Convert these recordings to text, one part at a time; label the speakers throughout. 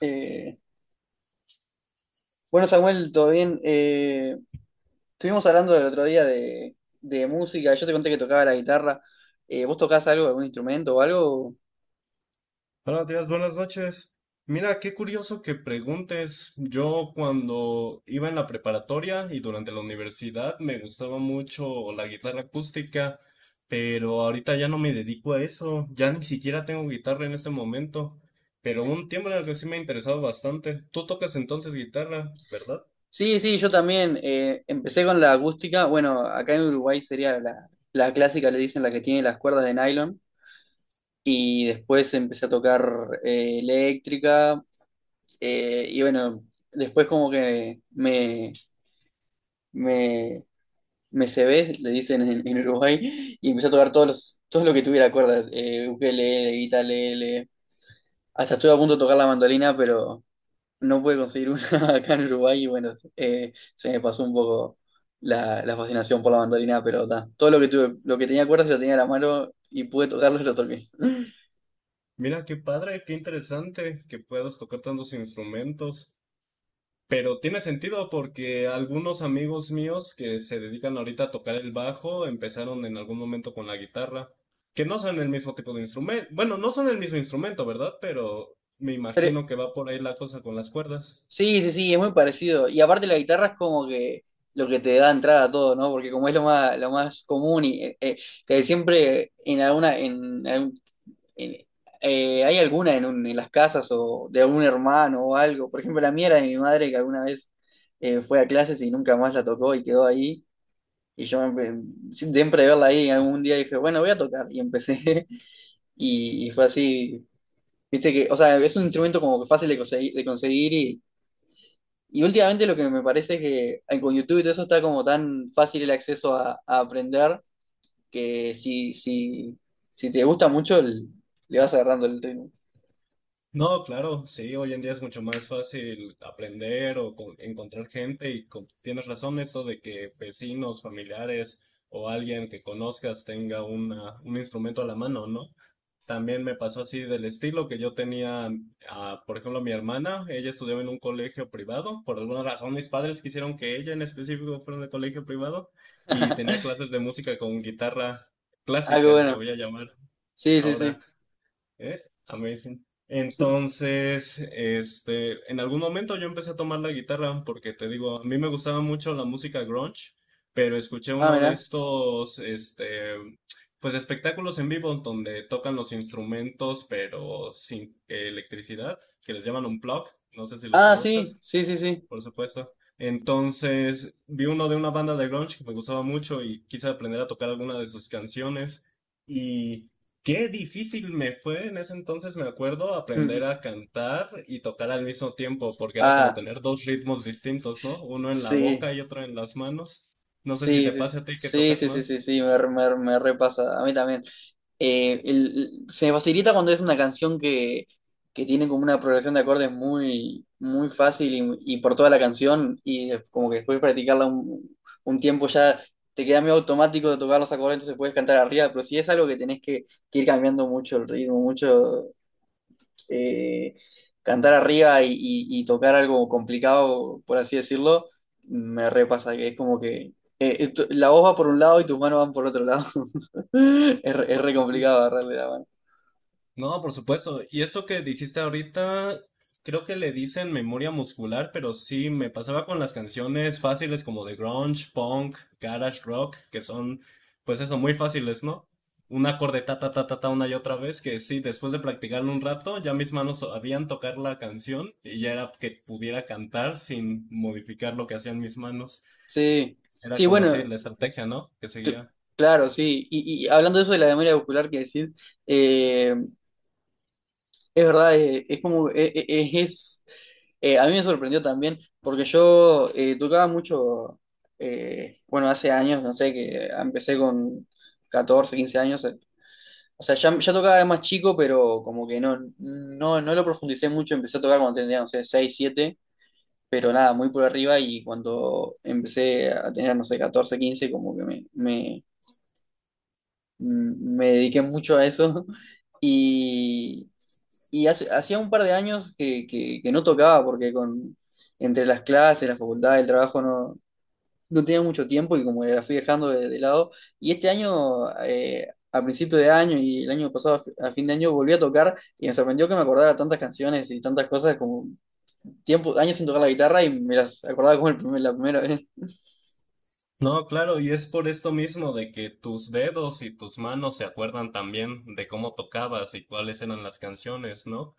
Speaker 1: Eh, bueno, Samuel, todo bien. Estuvimos hablando el otro día de música. Yo te conté que tocaba la guitarra. ¿Vos tocás algo, algún instrumento o algo?
Speaker 2: Buenos días, buenas noches. Mira, qué curioso que preguntes. Yo cuando iba en la preparatoria y durante la universidad me gustaba mucho la guitarra acústica, pero ahorita ya no me dedico a eso. Ya ni siquiera tengo guitarra en este momento. Pero hubo un tiempo en el que sí me ha interesado bastante. Tú tocas entonces guitarra, ¿verdad?
Speaker 1: Sí, sí, yo también. Empecé con la acústica. Bueno, acá en Uruguay sería la clásica, le dicen la que tiene las cuerdas de nylon. Y después empecé a tocar eléctrica. Y bueno, después como que me, me me cebé, le dicen en Uruguay, y empecé a tocar todo lo que tuviera cuerdas, ukelele, guitarra, hasta estuve a punto de tocar la mandolina, pero no pude conseguir una acá en Uruguay, y bueno, se me pasó un poco la fascinación por la mandolina, pero ta, todo lo que tuve, lo que tenía cuerdas lo tenía en la mano, y pude tocarlo y lo toqué.
Speaker 2: Mira, qué padre, qué interesante que puedas tocar tantos instrumentos. Pero tiene sentido porque algunos amigos míos que se dedican ahorita a tocar el bajo empezaron en algún momento con la guitarra, que no son el mismo tipo de instrumento. Bueno, no son el mismo instrumento, ¿verdad? Pero me
Speaker 1: Pero,
Speaker 2: imagino que va por ahí la cosa con las cuerdas.
Speaker 1: sí, sí, sí, es muy parecido, y aparte la guitarra es como que lo que te da entrada a todo, ¿no? Porque como es lo más común y que siempre en alguna, en algún en- ¿hay alguna en las casas o de algún hermano o algo? Por ejemplo, la mía era de mi madre que alguna vez fue a clases y nunca más la tocó y quedó ahí. Y yo siempre de verla ahí, algún día dije, bueno, voy a tocar. Y empecé y fue así. Viste que, o sea, es un instrumento como que fácil de conseguir y últimamente lo que me parece es que con YouTube y todo eso está como tan fácil el acceso a aprender que si te gusta mucho, le vas agarrando el ritmo.
Speaker 2: No, claro, sí, hoy en día es mucho más fácil aprender o encontrar gente y con- tienes razón esto de que vecinos, familiares o alguien que conozcas tenga una, un instrumento a la mano, ¿no? También me pasó así del estilo que yo tenía, ah, por ejemplo, mi hermana, ella estudiaba en un colegio privado, por alguna razón mis padres quisieron que ella en específico fuera de colegio privado y tenía clases de música con guitarra
Speaker 1: Ah, qué
Speaker 2: clásica, le
Speaker 1: bueno.
Speaker 2: voy a llamar
Speaker 1: Sí, sí,
Speaker 2: ahora.
Speaker 1: sí.
Speaker 2: Eh, Amazing. Entonces, en algún momento yo empecé a tomar la guitarra porque te digo, a mí me gustaba mucho la música grunge, pero escuché
Speaker 1: Ah,
Speaker 2: uno de
Speaker 1: mira.
Speaker 2: estos, pues espectáculos en vivo donde tocan los instrumentos pero sin electricidad, que les llaman un plug, no sé si los
Speaker 1: Ah, sí,
Speaker 2: conozcas.
Speaker 1: sí, sí, sí.
Speaker 2: Por supuesto. Entonces, vi uno de una banda de grunge que me gustaba mucho y quise aprender a tocar alguna de sus canciones. Y qué difícil me fue en ese entonces, me acuerdo, aprender a cantar y tocar al mismo tiempo, porque era como
Speaker 1: Ah,
Speaker 2: tener dos ritmos distintos, ¿no? Uno en la
Speaker 1: sí,
Speaker 2: boca y otro en las manos. No sé si
Speaker 1: sí,
Speaker 2: te
Speaker 1: sí,
Speaker 2: pasa a ti que
Speaker 1: sí, sí,
Speaker 2: tocas
Speaker 1: sí, sí, sí,
Speaker 2: más.
Speaker 1: sí, me repasa. A mí también. Se me facilita cuando es una canción que tiene como una progresión de acordes muy, muy fácil y por toda la canción y es como que después de practicarla un tiempo ya te queda medio automático de tocar los acordes, entonces puedes cantar arriba, pero si es algo que tenés que ir cambiando mucho el ritmo, eh, cantar arriba y tocar algo complicado, por así decirlo, me repasa que es como que la voz va por un lado y tus manos van por otro lado. Es re complicado agarrarle la mano.
Speaker 2: No, por supuesto. Y esto que dijiste ahorita, creo que le dicen memoria muscular, pero sí me pasaba con las canciones fáciles como de grunge, punk, garage rock, que son, pues eso, muy fáciles, ¿no? Un acorde ta ta ta ta ta una y otra vez, que sí, después de practicarlo un rato, ya mis manos sabían tocar la canción y ya era que pudiera cantar sin modificar lo que hacían mis manos.
Speaker 1: Sí,
Speaker 2: Era
Speaker 1: sí,
Speaker 2: como así
Speaker 1: bueno,
Speaker 2: la estrategia, ¿no? Que
Speaker 1: cl-
Speaker 2: seguía.
Speaker 1: claro, sí. Y hablando de eso de la memoria muscular que decís, eh, Es verdad, como, a mí me sorprendió también, porque yo tocaba mucho, bueno, hace años, no sé, que empecé con 14 15 años, o sea, ya tocaba de más chico, pero como que no lo profundicé mucho, empecé a tocar cuando tenía, no sé, 6 7 pero nada, muy por arriba, y cuando empecé a tener, no sé, 14 15 como que me dediqué mucho a eso y, hacía un par de años que no tocaba porque entre las clases, la facultad, el trabajo no tenía mucho tiempo y como que la fui dejando de lado. Y este año, a principio de año y el año pasado a fin de año, volví a tocar y me sorprendió que me acordara tantas canciones y tantas cosas como tiempo, años sin tocar la guitarra y me las acordaba como la primera vez.
Speaker 2: No, claro, y es por esto mismo de que tus dedos y tus manos se acuerdan también de cómo tocabas y cuáles eran las canciones, ¿no?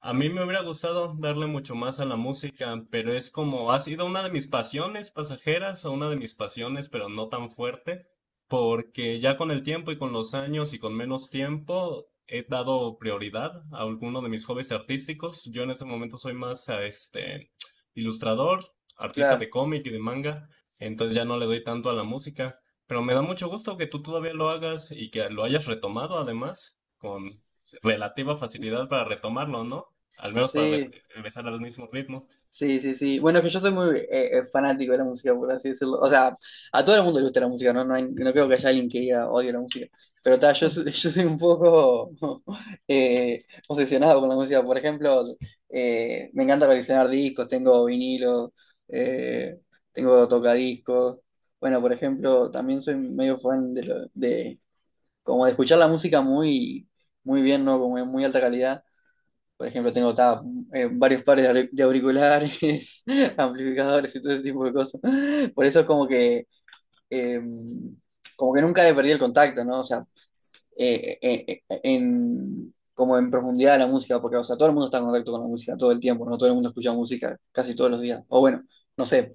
Speaker 2: A mí me hubiera gustado darle mucho más a la música, pero es como ha sido una de mis pasiones pasajeras o una de mis pasiones, pero no tan fuerte, porque ya con el tiempo y con los años y con menos tiempo he dado prioridad a alguno de mis hobbies artísticos. Yo en ese momento soy más a este ilustrador, artista
Speaker 1: Claro,
Speaker 2: de cómic y de manga, entonces ya no le doy tanto a la música, pero me da mucho gusto que tú todavía lo hagas y que lo hayas retomado además con relativa facilidad para retomarlo, ¿no? Al menos para
Speaker 1: sí.
Speaker 2: regresar al mismo ritmo,
Speaker 1: Sí, sí, sí. Bueno, es que yo soy muy fanático de la música, por así decirlo. O sea, a todo el mundo le gusta la música, ¿no? No, no creo que haya alguien que diga odio la música. Pero ta, yo soy un poco eh, obsesionado con la música. Por ejemplo, me encanta coleccionar discos, tengo vinilos, eh, tengo tocadiscos. Bueno, por ejemplo, también soy medio fan de como de escuchar la música muy, muy bien, ¿no? Como en muy alta calidad. Por ejemplo, tengo ta, varios pares de auriculares, amplificadores y todo ese tipo de cosas. Por eso es eh, como que nunca le perdí el contacto, ¿no? O sea, como en profundidad de la música, porque, o sea, todo el mundo está en contacto con la música todo el tiempo, ¿no? Todo el mundo escucha música casi todos los días. O bueno, no sé,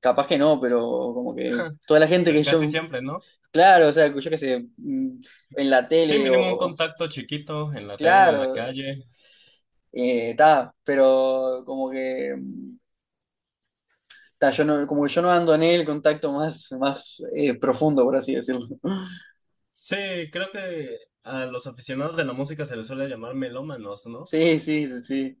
Speaker 1: capaz que no, pero como que toda la gente
Speaker 2: pero
Speaker 1: que
Speaker 2: casi
Speaker 1: yo,
Speaker 2: siempre, ¿no?
Speaker 1: claro, o sea, yo qué sé, en la
Speaker 2: Sí,
Speaker 1: tele
Speaker 2: mínimo un contacto chiquito en la tele, en la
Speaker 1: claro,
Speaker 2: calle.
Speaker 1: ta, pero como que... Ta, yo no, como que yo no ando en el contacto más, más profundo, por así decirlo.
Speaker 2: Sí, creo que a los aficionados de la música se les suele llamar melómanos, ¿no?
Speaker 1: Sí, sí, sí.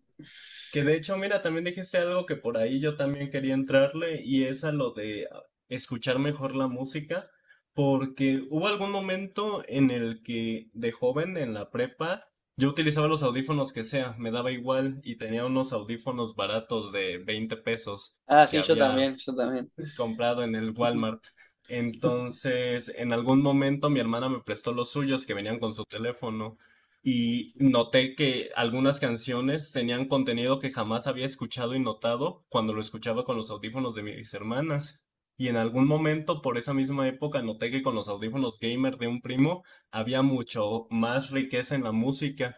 Speaker 2: Que de hecho, mira, también dijiste algo que por ahí yo también quería entrarle y es a lo de ah, escuchar mejor la música, porque hubo algún momento en el que de joven en la prepa yo utilizaba los audífonos que sea, me daba igual y tenía unos audífonos baratos de 20 pesos
Speaker 1: Ah,
Speaker 2: que
Speaker 1: sí, yo
Speaker 2: había
Speaker 1: también, yo también.
Speaker 2: comprado en el Walmart. Entonces, en algún momento mi hermana me prestó los suyos que venían con su teléfono y noté que algunas canciones tenían contenido que jamás había escuchado y notado cuando lo escuchaba con los audífonos de mis hermanas. Y en algún momento, por esa misma época, noté que con los audífonos gamer de un primo había mucho más riqueza en la música.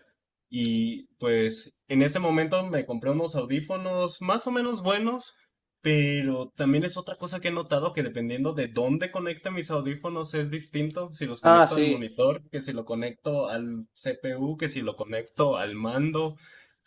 Speaker 2: Y pues en ese momento me compré unos audífonos más o menos buenos, pero también es otra cosa que he notado que dependiendo de dónde conecte mis audífonos es distinto. Si los
Speaker 1: Ah,
Speaker 2: conecto al
Speaker 1: sí.
Speaker 2: monitor, que si lo conecto al CPU, que si lo conecto al mando.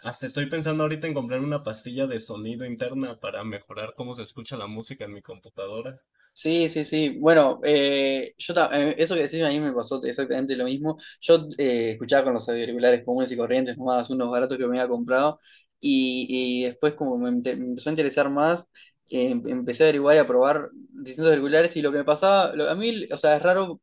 Speaker 2: Hasta estoy pensando ahorita en comprar una pastilla de sonido interna para mejorar cómo se escucha la música en mi computadora.
Speaker 1: Sí, sí, sí. Bueno, eso que decís a mí me pasó exactamente lo mismo. Yo escuchaba con los auriculares comunes y corrientes, nomás unos baratos que me había comprado, y después me empezó a interesar más, empecé a averiguar y a probar distintos auriculares y lo que me pasaba, a mí, o sea, es raro,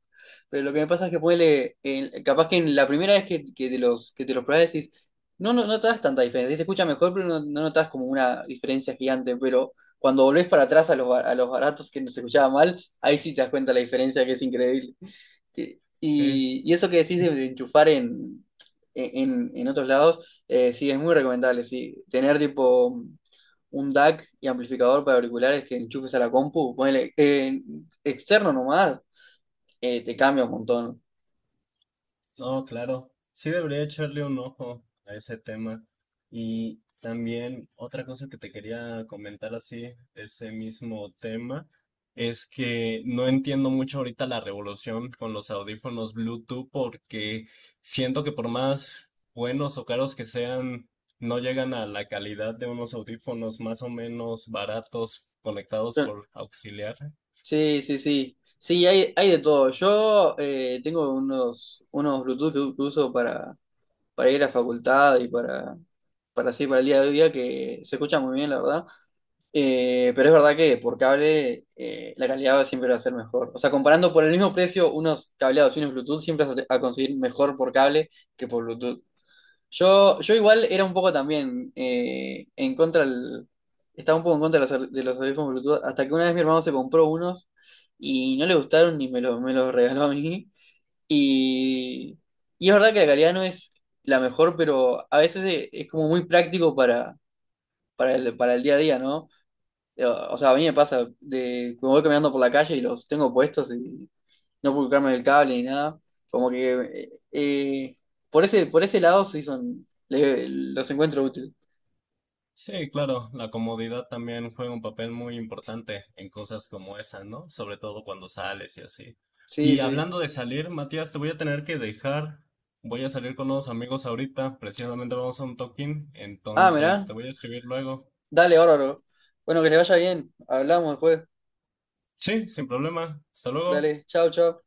Speaker 1: pero lo que me pasa es que puede, capaz que en la primera vez que que te los probás decís, no notas tanta diferencia. Sí se escucha mejor, pero no notas como una diferencia gigante, cuando volvés para atrás a los baratos que nos escuchaba mal, ahí sí te das cuenta la diferencia que es increíble. Y,
Speaker 2: Sí.
Speaker 1: y eso que decís de enchufar en otros lados, sí, es muy recomendable, sí. Tener tipo un DAC y amplificador para auriculares que enchufes a la compu, ponele, externo nomás, te cambia un montón.
Speaker 2: No, claro. Sí debería echarle un ojo a ese tema. Y también otra cosa que te quería comentar así, ese mismo tema, es que no entiendo mucho ahorita la revolución con los audífonos Bluetooth porque siento que por más buenos o caros que sean, no llegan a la calidad de unos audífonos más o menos baratos conectados por auxiliar.
Speaker 1: Sí, sí, sí. Sí, hay de todo. Yo tengo unos Bluetooth que uso para ir a la facultad para así, para el día a día, que se escucha muy bien, la verdad. Pero es verdad que por cable la calidad siempre va a ser mejor. O sea, comparando por el mismo precio, unos cableados y unos Bluetooth, siempre vas a conseguir mejor por cable que por Bluetooth. Yo igual era un poco también estaba un poco en contra de los audífonos Bluetooth, hasta que una vez mi hermano se compró unos y no le gustaron ni me los regaló a mí. Y, y es verdad que la calidad no es la mejor, pero a veces es como muy práctico para el día a día, ¿no? O sea, a mí me pasa de que me voy caminando por la calle y los tengo puestos y no puedo colocarme el cable ni nada. Como que por ese lado sí los encuentro útiles.
Speaker 2: Sí, claro, la comodidad también juega un papel muy importante en cosas como esa, ¿no? Sobre todo cuando sales y así.
Speaker 1: Sí,
Speaker 2: Y
Speaker 1: sí.
Speaker 2: hablando de salir, Matías, te voy a tener que dejar. Voy a salir con unos amigos ahorita, precisamente vamos a un toquín,
Speaker 1: Ah,
Speaker 2: entonces
Speaker 1: mirá.
Speaker 2: te voy a escribir luego.
Speaker 1: Dale, bárbaro. Bueno, que le vaya bien. Hablamos después.
Speaker 2: Sí, sin problema. Hasta luego.
Speaker 1: Dale, chao, chao.